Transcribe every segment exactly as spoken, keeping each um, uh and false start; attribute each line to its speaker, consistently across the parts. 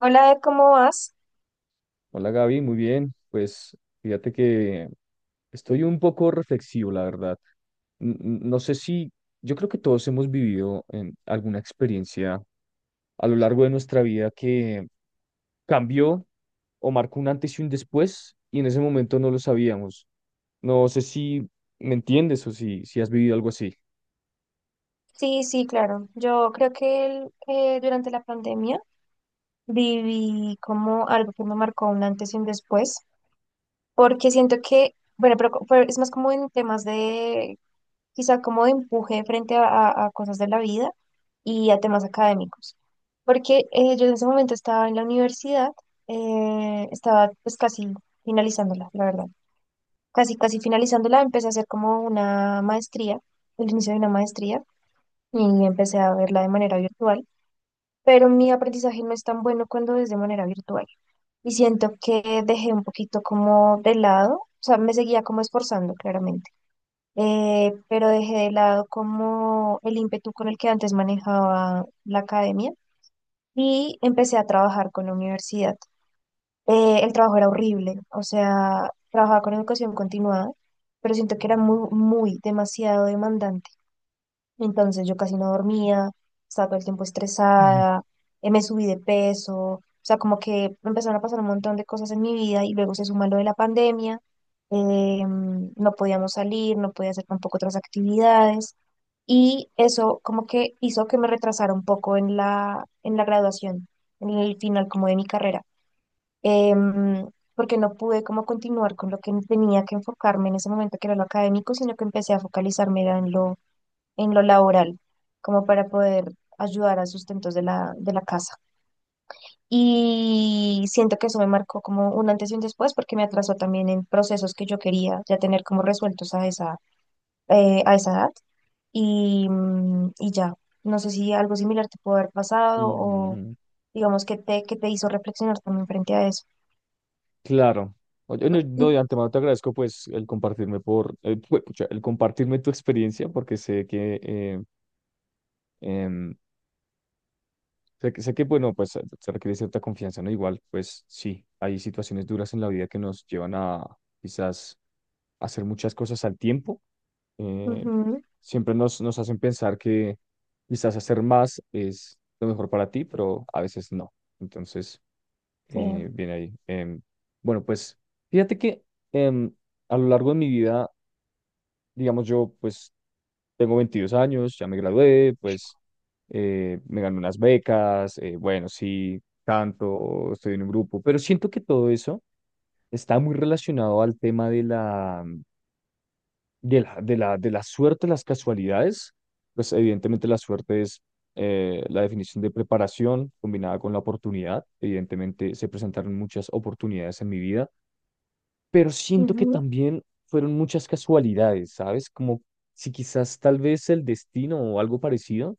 Speaker 1: Hola, Ed, ¿cómo vas?
Speaker 2: Hola Gaby, muy bien. Pues fíjate que estoy un poco reflexivo, la verdad. N- n- No sé si, yo creo que todos hemos vivido en alguna experiencia a lo largo de nuestra vida que cambió o marcó un antes y un después, y en ese momento no lo sabíamos. No sé si me entiendes o si, si has vivido algo así.
Speaker 1: Sí, sí, claro. Yo creo que el- eh, durante la pandemia viví como algo que me marcó un antes y un después, porque siento que, bueno, pero, co- pero es más como en temas de, quizá como de empuje frente a, a- a cosas de la vida y a temas académicos, porque eh, yo en ese momento estaba en la universidad, eh, estaba pues casi finalizándola, la verdad. Casi, casi finalizándola, empecé a hacer como una maestría, el inicio de una maestría y empecé a verla de manera virtual, pero mi aprendizaje no es tan bueno cuando es de manera virtual. Y siento que dejé un poquito como de lado, o sea, me seguía como esforzando claramente, eh, pero dejé de lado como el ímpetu con el que antes manejaba la academia y empecé a trabajar con la universidad. Eh, el trabajo era horrible, o sea, trabajaba con educación continuada, pero siento que era muy, muy demasiado demandante. Entonces yo casi no dormía, estaba todo el tiempo
Speaker 2: Ujú.
Speaker 1: estresada, eh, me subí de peso, o sea, como que empezaron a pasar un montón de cosas en mi vida y luego se suma lo de la pandemia, eh, no podíamos salir, no podía hacer tampoco otras actividades y eso como que hizo que me retrasara un poco en la, en la graduación, en el final como de mi carrera, em, porque no pude como continuar con lo que tenía que enfocarme en ese momento que era lo académico, sino que empecé a focalizarme era en lo en lo laboral, como para poder ayudar a sustentos de la, de la casa. Y siento que eso me marcó como un antes y un después porque me atrasó también en procesos que yo quería ya tener como resueltos a esa, eh, a esa edad. Y, mm, y ya, no sé si algo similar te pudo haber pasado o
Speaker 2: Mm,
Speaker 1: digamos que te, que te hizo reflexionar también frente a eso.
Speaker 2: claro. Oye, no, no, de antemano te agradezco pues el compartirme por eh, pu- pucha, el compartirme tu experiencia porque sé que eh, em, sé, que- sé que, bueno, pues se se requiere cierta confianza, ¿no? Igual, pues sí, hay situaciones duras en la vida que nos llevan a quizás hacer muchas cosas al tiempo. eh,
Speaker 1: Ujú,
Speaker 2: Siempre nos, nos hacen pensar que quizás hacer más es lo mejor para ti, pero a veces no. Entonces,
Speaker 1: sí,
Speaker 2: eh, viene ahí. Em, bueno, pues fíjate que em, a lo largo de mi vida, digamos, yo pues tengo veintidós años, ya me gradué, pues eh, me gané unas becas. Eh, bueno, sí, canto, estoy en un grupo, pero siento que todo eso está muy relacionado al tema de la, de la, de la, de la suerte, las casualidades. Pues evidentemente la suerte es eh, la definición de preparación combinada con la oportunidad. Evidentemente se presentaron muchas oportunidades en mi vida, pero siento que
Speaker 1: ujú,
Speaker 2: también fueron muchas casualidades, ¿sabes? Como si quizás tal vez el destino o algo parecido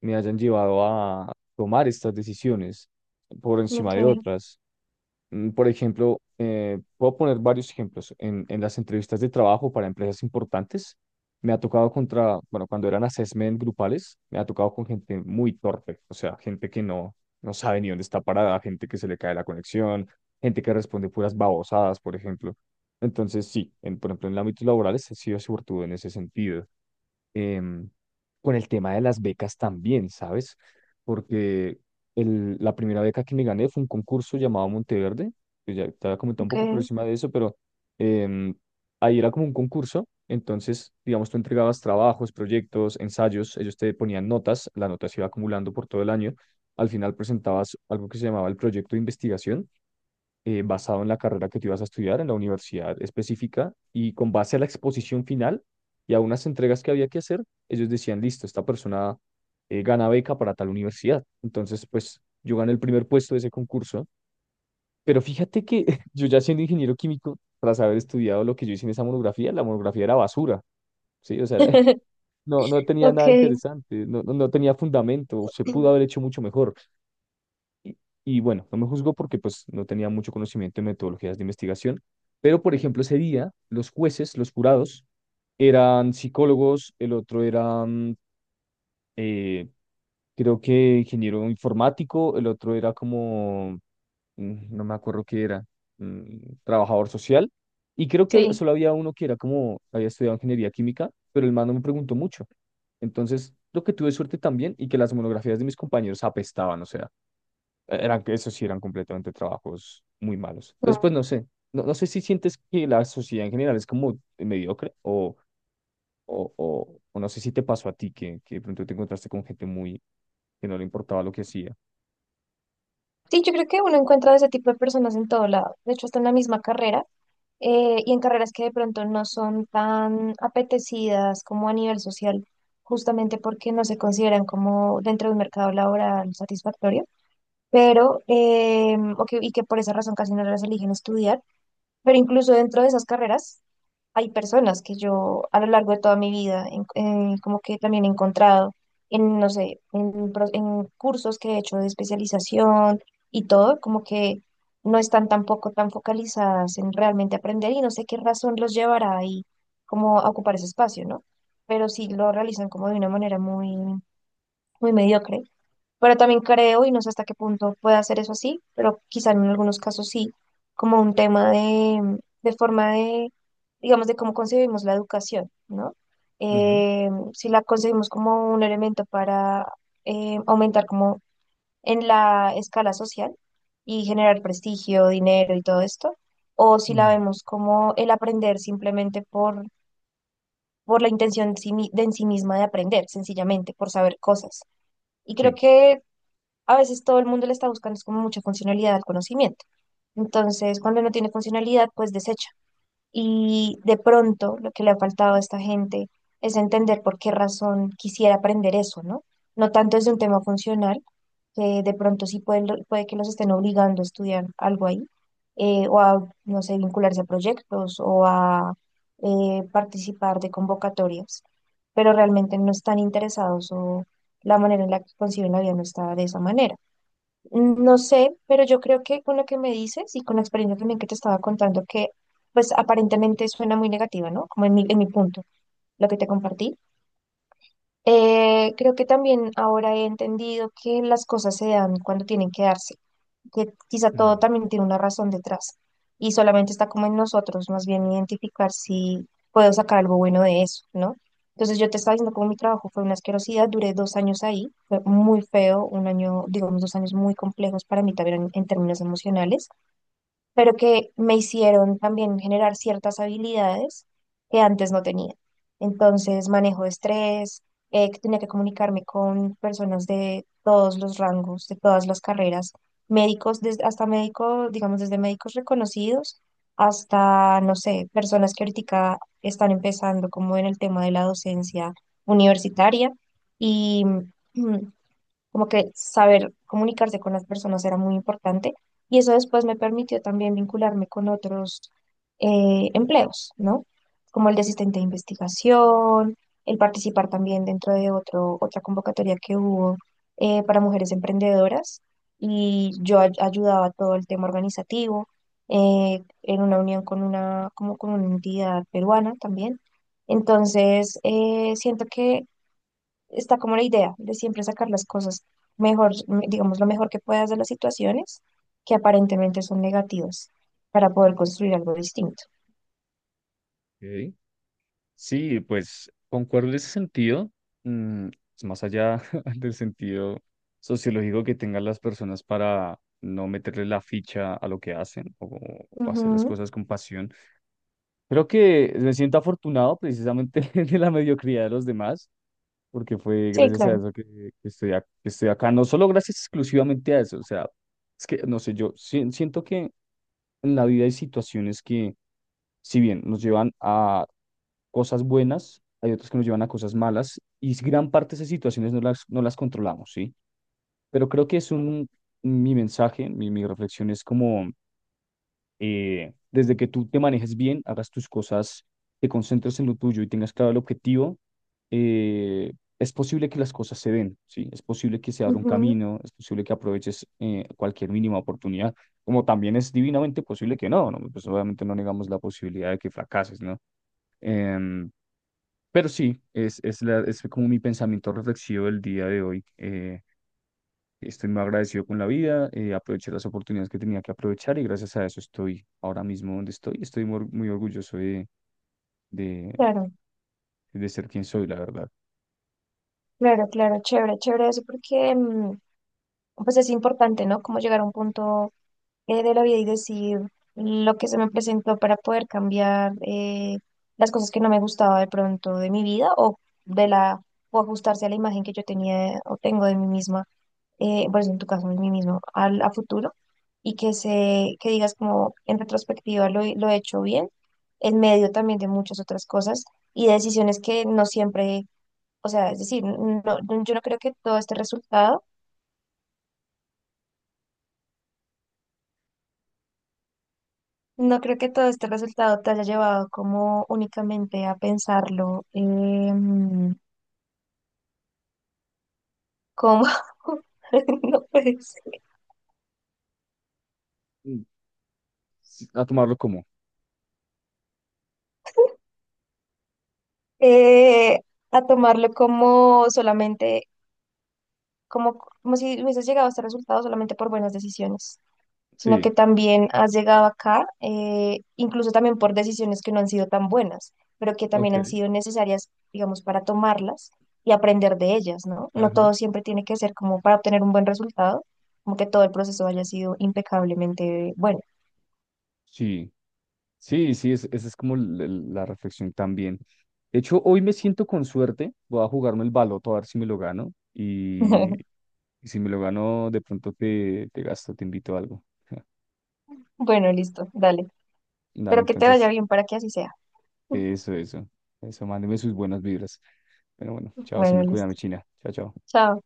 Speaker 2: me hayan llevado a tomar estas decisiones por encima
Speaker 1: ok,
Speaker 2: de otras. Mm, Por ejemplo, eh, puedo poner varios ejemplos. En, en las entrevistas de trabajo para empresas importantes, me ha tocado contra, bueno, cuando eran assessment grupales, me ha tocado con gente muy torpe, o sea, gente que no, no sabe ni dónde está parada, gente que se le cae la conexión, gente que responde puras babosadas, por ejemplo. Entonces, sí, en, por ejemplo, en el ámbito laboral he sido suertudo en ese sentido. em, con el tema de las becas también, ¿sabes? Porque el- la primera beca que me gané fue un concurso llamado Monteverde, que ya te había comentado un
Speaker 1: ok,
Speaker 2: poco por encima de eso, pero em, ahí era como un concurso, entonces, digamos, tú entregabas trabajos, proyectos, ensayos, ellos te ponían notas, la nota se iba acumulando por todo el año, al final presentabas algo que se llamaba el proyecto de investigación, eh, basado en la carrera que tú ibas a estudiar en la universidad específica, y con base a la exposición final y a unas entregas que había que hacer, ellos decían, listo, esta persona eh, gana beca para tal universidad. Entonces, pues yo gané el primer puesto de ese concurso, pero fíjate que yo ya siendo ingeniero químico, tras haber estudiado lo que yo hice en esa monografía, la monografía era basura, ¿sí? O sea, no, no tenía
Speaker 1: ok,
Speaker 2: nada interesante, no, no no tenía fundamento, se pudo haber hecho mucho mejor. Y, y bueno, no me juzgó porque pues no tenía mucho conocimiento en metodologías de investigación, pero por ejemplo ese día los jueces, los jurados, eran psicólogos, el otro era, mm, eh, creo que ingeniero informático, el otro era como, mm, no me acuerdo qué era, mm, trabajador social, y creo que
Speaker 1: sí.
Speaker 2: solo había uno que era como, había estudiado ingeniería química, pero el man no me preguntó mucho. Entonces, lo que tuve suerte también y que las monografías de mis compañeros apestaban, o sea, e-, eran, eso sí, eran completamente trabajos muy malos. Después, no sé, no, no sé si sientes que la sociedad en general es como mediocre o, o, o, o no sé si te pasó a ti que, que de pronto te encontraste con gente muy que no le importaba lo que hacía.
Speaker 1: Sí, yo creo que uno encuentra de ese tipo de personas en todo lado, de hecho hasta en la misma carrera, eh, y en carreras que de pronto no son tan apetecidas como a nivel social, justamente porque no se consideran como dentro de un mercado laboral satisfactorio, pero, eh, o que- y que por esa razón casi no las eligen estudiar, pero incluso dentro de esas carreras hay personas que yo a lo largo de toda mi vida en- eh, como que también he encontrado en, no sé, en, pro- en cursos que he hecho de especialización y todo, como que no están tampoco tan focalizadas en realmente aprender y no sé qué razón los llevará ahí como a ocupar ese espacio, ¿no? Pero sí lo realizan como de una manera muy, muy mediocre, pero también creo, y no sé hasta qué punto puede hacer eso así, pero quizá en algunos casos sí, como un tema de, de forma de, digamos, de cómo concebimos la educación, ¿no?
Speaker 2: Ujú.
Speaker 1: Eh, si la concebimos como un elemento para eh, aumentar como en la escala social y generar prestigio, dinero y todo esto, o si la
Speaker 2: Mm.
Speaker 1: vemos como el aprender simplemente por, por la intención en sí mi- de en sí misma de aprender, sencillamente, por saber cosas. Y creo
Speaker 2: Sí.
Speaker 1: que a veces todo el mundo le está buscando es como mucha funcionalidad al conocimiento. Entonces, cuando no tiene funcionalidad, pues desecha. Y de pronto lo que le ha faltado a esta gente es entender por qué razón quisiera aprender eso, ¿no? No tanto es de un tema funcional, que de pronto sí puede, puede que los estén obligando a estudiar algo ahí, eh, o a, no sé, vincularse a proyectos o a eh, participar de convocatorias, pero realmente no están interesados o la manera en la que conciben la vida no está de esa manera. No sé, pero yo creo que con lo que me dices y con la experiencia también que te estaba contando, que pues aparentemente suena muy negativa, ¿no? Como en mi, en mi punto, lo que te compartí. Eh, creo que también ahora he entendido que las cosas se dan cuando tienen que darse, que quizá todo
Speaker 2: Mm,
Speaker 1: también tiene una razón detrás y solamente está como en nosotros, más bien identificar si puedo sacar algo bueno de eso, ¿no? Entonces yo te estaba diciendo como mi trabajo fue una asquerosidad, duré dos años ahí, fue muy feo, un año, digamos, dos años muy complejos para mí también en, en términos emocionales, pero que me hicieron también generar ciertas habilidades que antes no tenía. Entonces, manejo de estrés, eh, que tenía que comunicarme con personas de todos los rangos, de todas las carreras, médicos, desde, hasta médicos, digamos, desde médicos reconocidos hasta, no sé, personas que ahorita están empezando como en el tema de la docencia universitaria. Y como que saber comunicarse con las personas era muy importante y eso después me permitió también vincularme con otros eh, empleos, ¿no? Como el de asistente de investigación, el participar también dentro de otro, otra convocatoria que hubo eh, para mujeres emprendedoras y yo ay- ayudaba a todo el tema organizativo eh, en una unión con una, como con una entidad peruana también. Entonces, eh, siento que está como la idea de siempre sacar las cosas mejor, m- digamos, lo mejor que puedas de las situaciones que aparentemente son negativas para poder construir algo distinto.
Speaker 2: ok. Sí, pues concuerdo en ese sentido. Mm, es más allá del sentido sociológico que tengan las personas para no meterle la ficha a lo que hacen, o, o hacer las
Speaker 1: Ujú,
Speaker 2: cosas con pasión. Creo que me siento afortunado precisamente de la mediocridad de los demás, porque fue
Speaker 1: sí,
Speaker 2: gracias a
Speaker 1: claro,
Speaker 2: eso que, que estoy, a- que estoy acá. No solo gracias exclusivamente a eso, o sea, es que, no sé, yo si- siento que en la vida hay situaciones que, si bien nos llevan a cosas buenas, hay otras que nos llevan a cosas malas, y gran parte de esas situaciones no las, no las controlamos, ¿sí? Pero creo que es un, mi mensaje, mi, mi reflexión es como... eh, desde que tú te manejes bien, hagas tus cosas, te concentres en lo tuyo y tengas claro el objetivo, eh, es posible que las cosas se den, ¿sí? Es posible que se abra un
Speaker 1: ujú.
Speaker 2: camino, es posible que aproveches eh, cualquier mínima oportunidad, como también es divinamente posible que no, ¿no? Pues obviamente no negamos la posibilidad de que fracases, ¿no? Em, pero sí, es, es, la- es como mi pensamiento reflexivo del día de hoy. Eh, Estoy muy agradecido con la vida, eh, aproveché las oportunidades que tenía que aprovechar y gracias a eso estoy ahora mismo donde estoy. Estoy muy, or- muy orgulloso de, de,
Speaker 1: Claro,
Speaker 2: de ser quien soy, la verdad.
Speaker 1: claro, claro, chévere, chévere eso porque mm, pues es importante, ¿no? Como llegar a un punto eh, de la vida y decir lo que se me presentó para poder cambiar, eh, las cosas que no me gustaba de pronto de mi vida o de la o ajustarse a la imagen que yo tenía o tengo de mí misma, eh, pues en tu caso, en mí mismo, al, a futuro, y que se, que digas como en retrospectiva lo, he- lo he hecho bien, en medio también de muchas otras cosas y decisiones que no siempre, o sea, es decir, no, no- yo no creo que todo este resultado, no creo que todo este resultado te haya llevado como únicamente a pensarlo em, como, no puedes,
Speaker 2: Mm, sí, a tomarlo como.
Speaker 1: eh, a tomarlo como solamente, como, como si hubieses llegado a este resultado solamente por buenas decisiones, sino que
Speaker 2: Sí,
Speaker 1: también has llegado acá, eh, incluso también por decisiones que no han sido tan buenas, pero que también han
Speaker 2: ok,
Speaker 1: sido necesarias, digamos, para tomarlas y aprender de ellas, ¿no? No
Speaker 2: ajá.
Speaker 1: todo siempre tiene que ser como para obtener un buen resultado, como que todo el proceso haya sido impecablemente bueno.
Speaker 2: Sí, sí, sí, es- esa es como l- l- la reflexión también. De hecho, hoy me siento con suerte, voy a jugarme el baloto a ver si me lo gano, y, y si me lo gano, de pronto te, te gasto, te invito a algo.
Speaker 1: Bueno, listo, dale.
Speaker 2: Dale,
Speaker 1: Pero que te vaya
Speaker 2: entonces.
Speaker 1: bien para que así sea.
Speaker 2: Eso, eso. Eso, mándeme sus buenas vibras. Pero bueno, chao, se
Speaker 1: Bueno,
Speaker 2: me cuida mi
Speaker 1: listo.
Speaker 2: China. Chao, chao.
Speaker 1: Chao.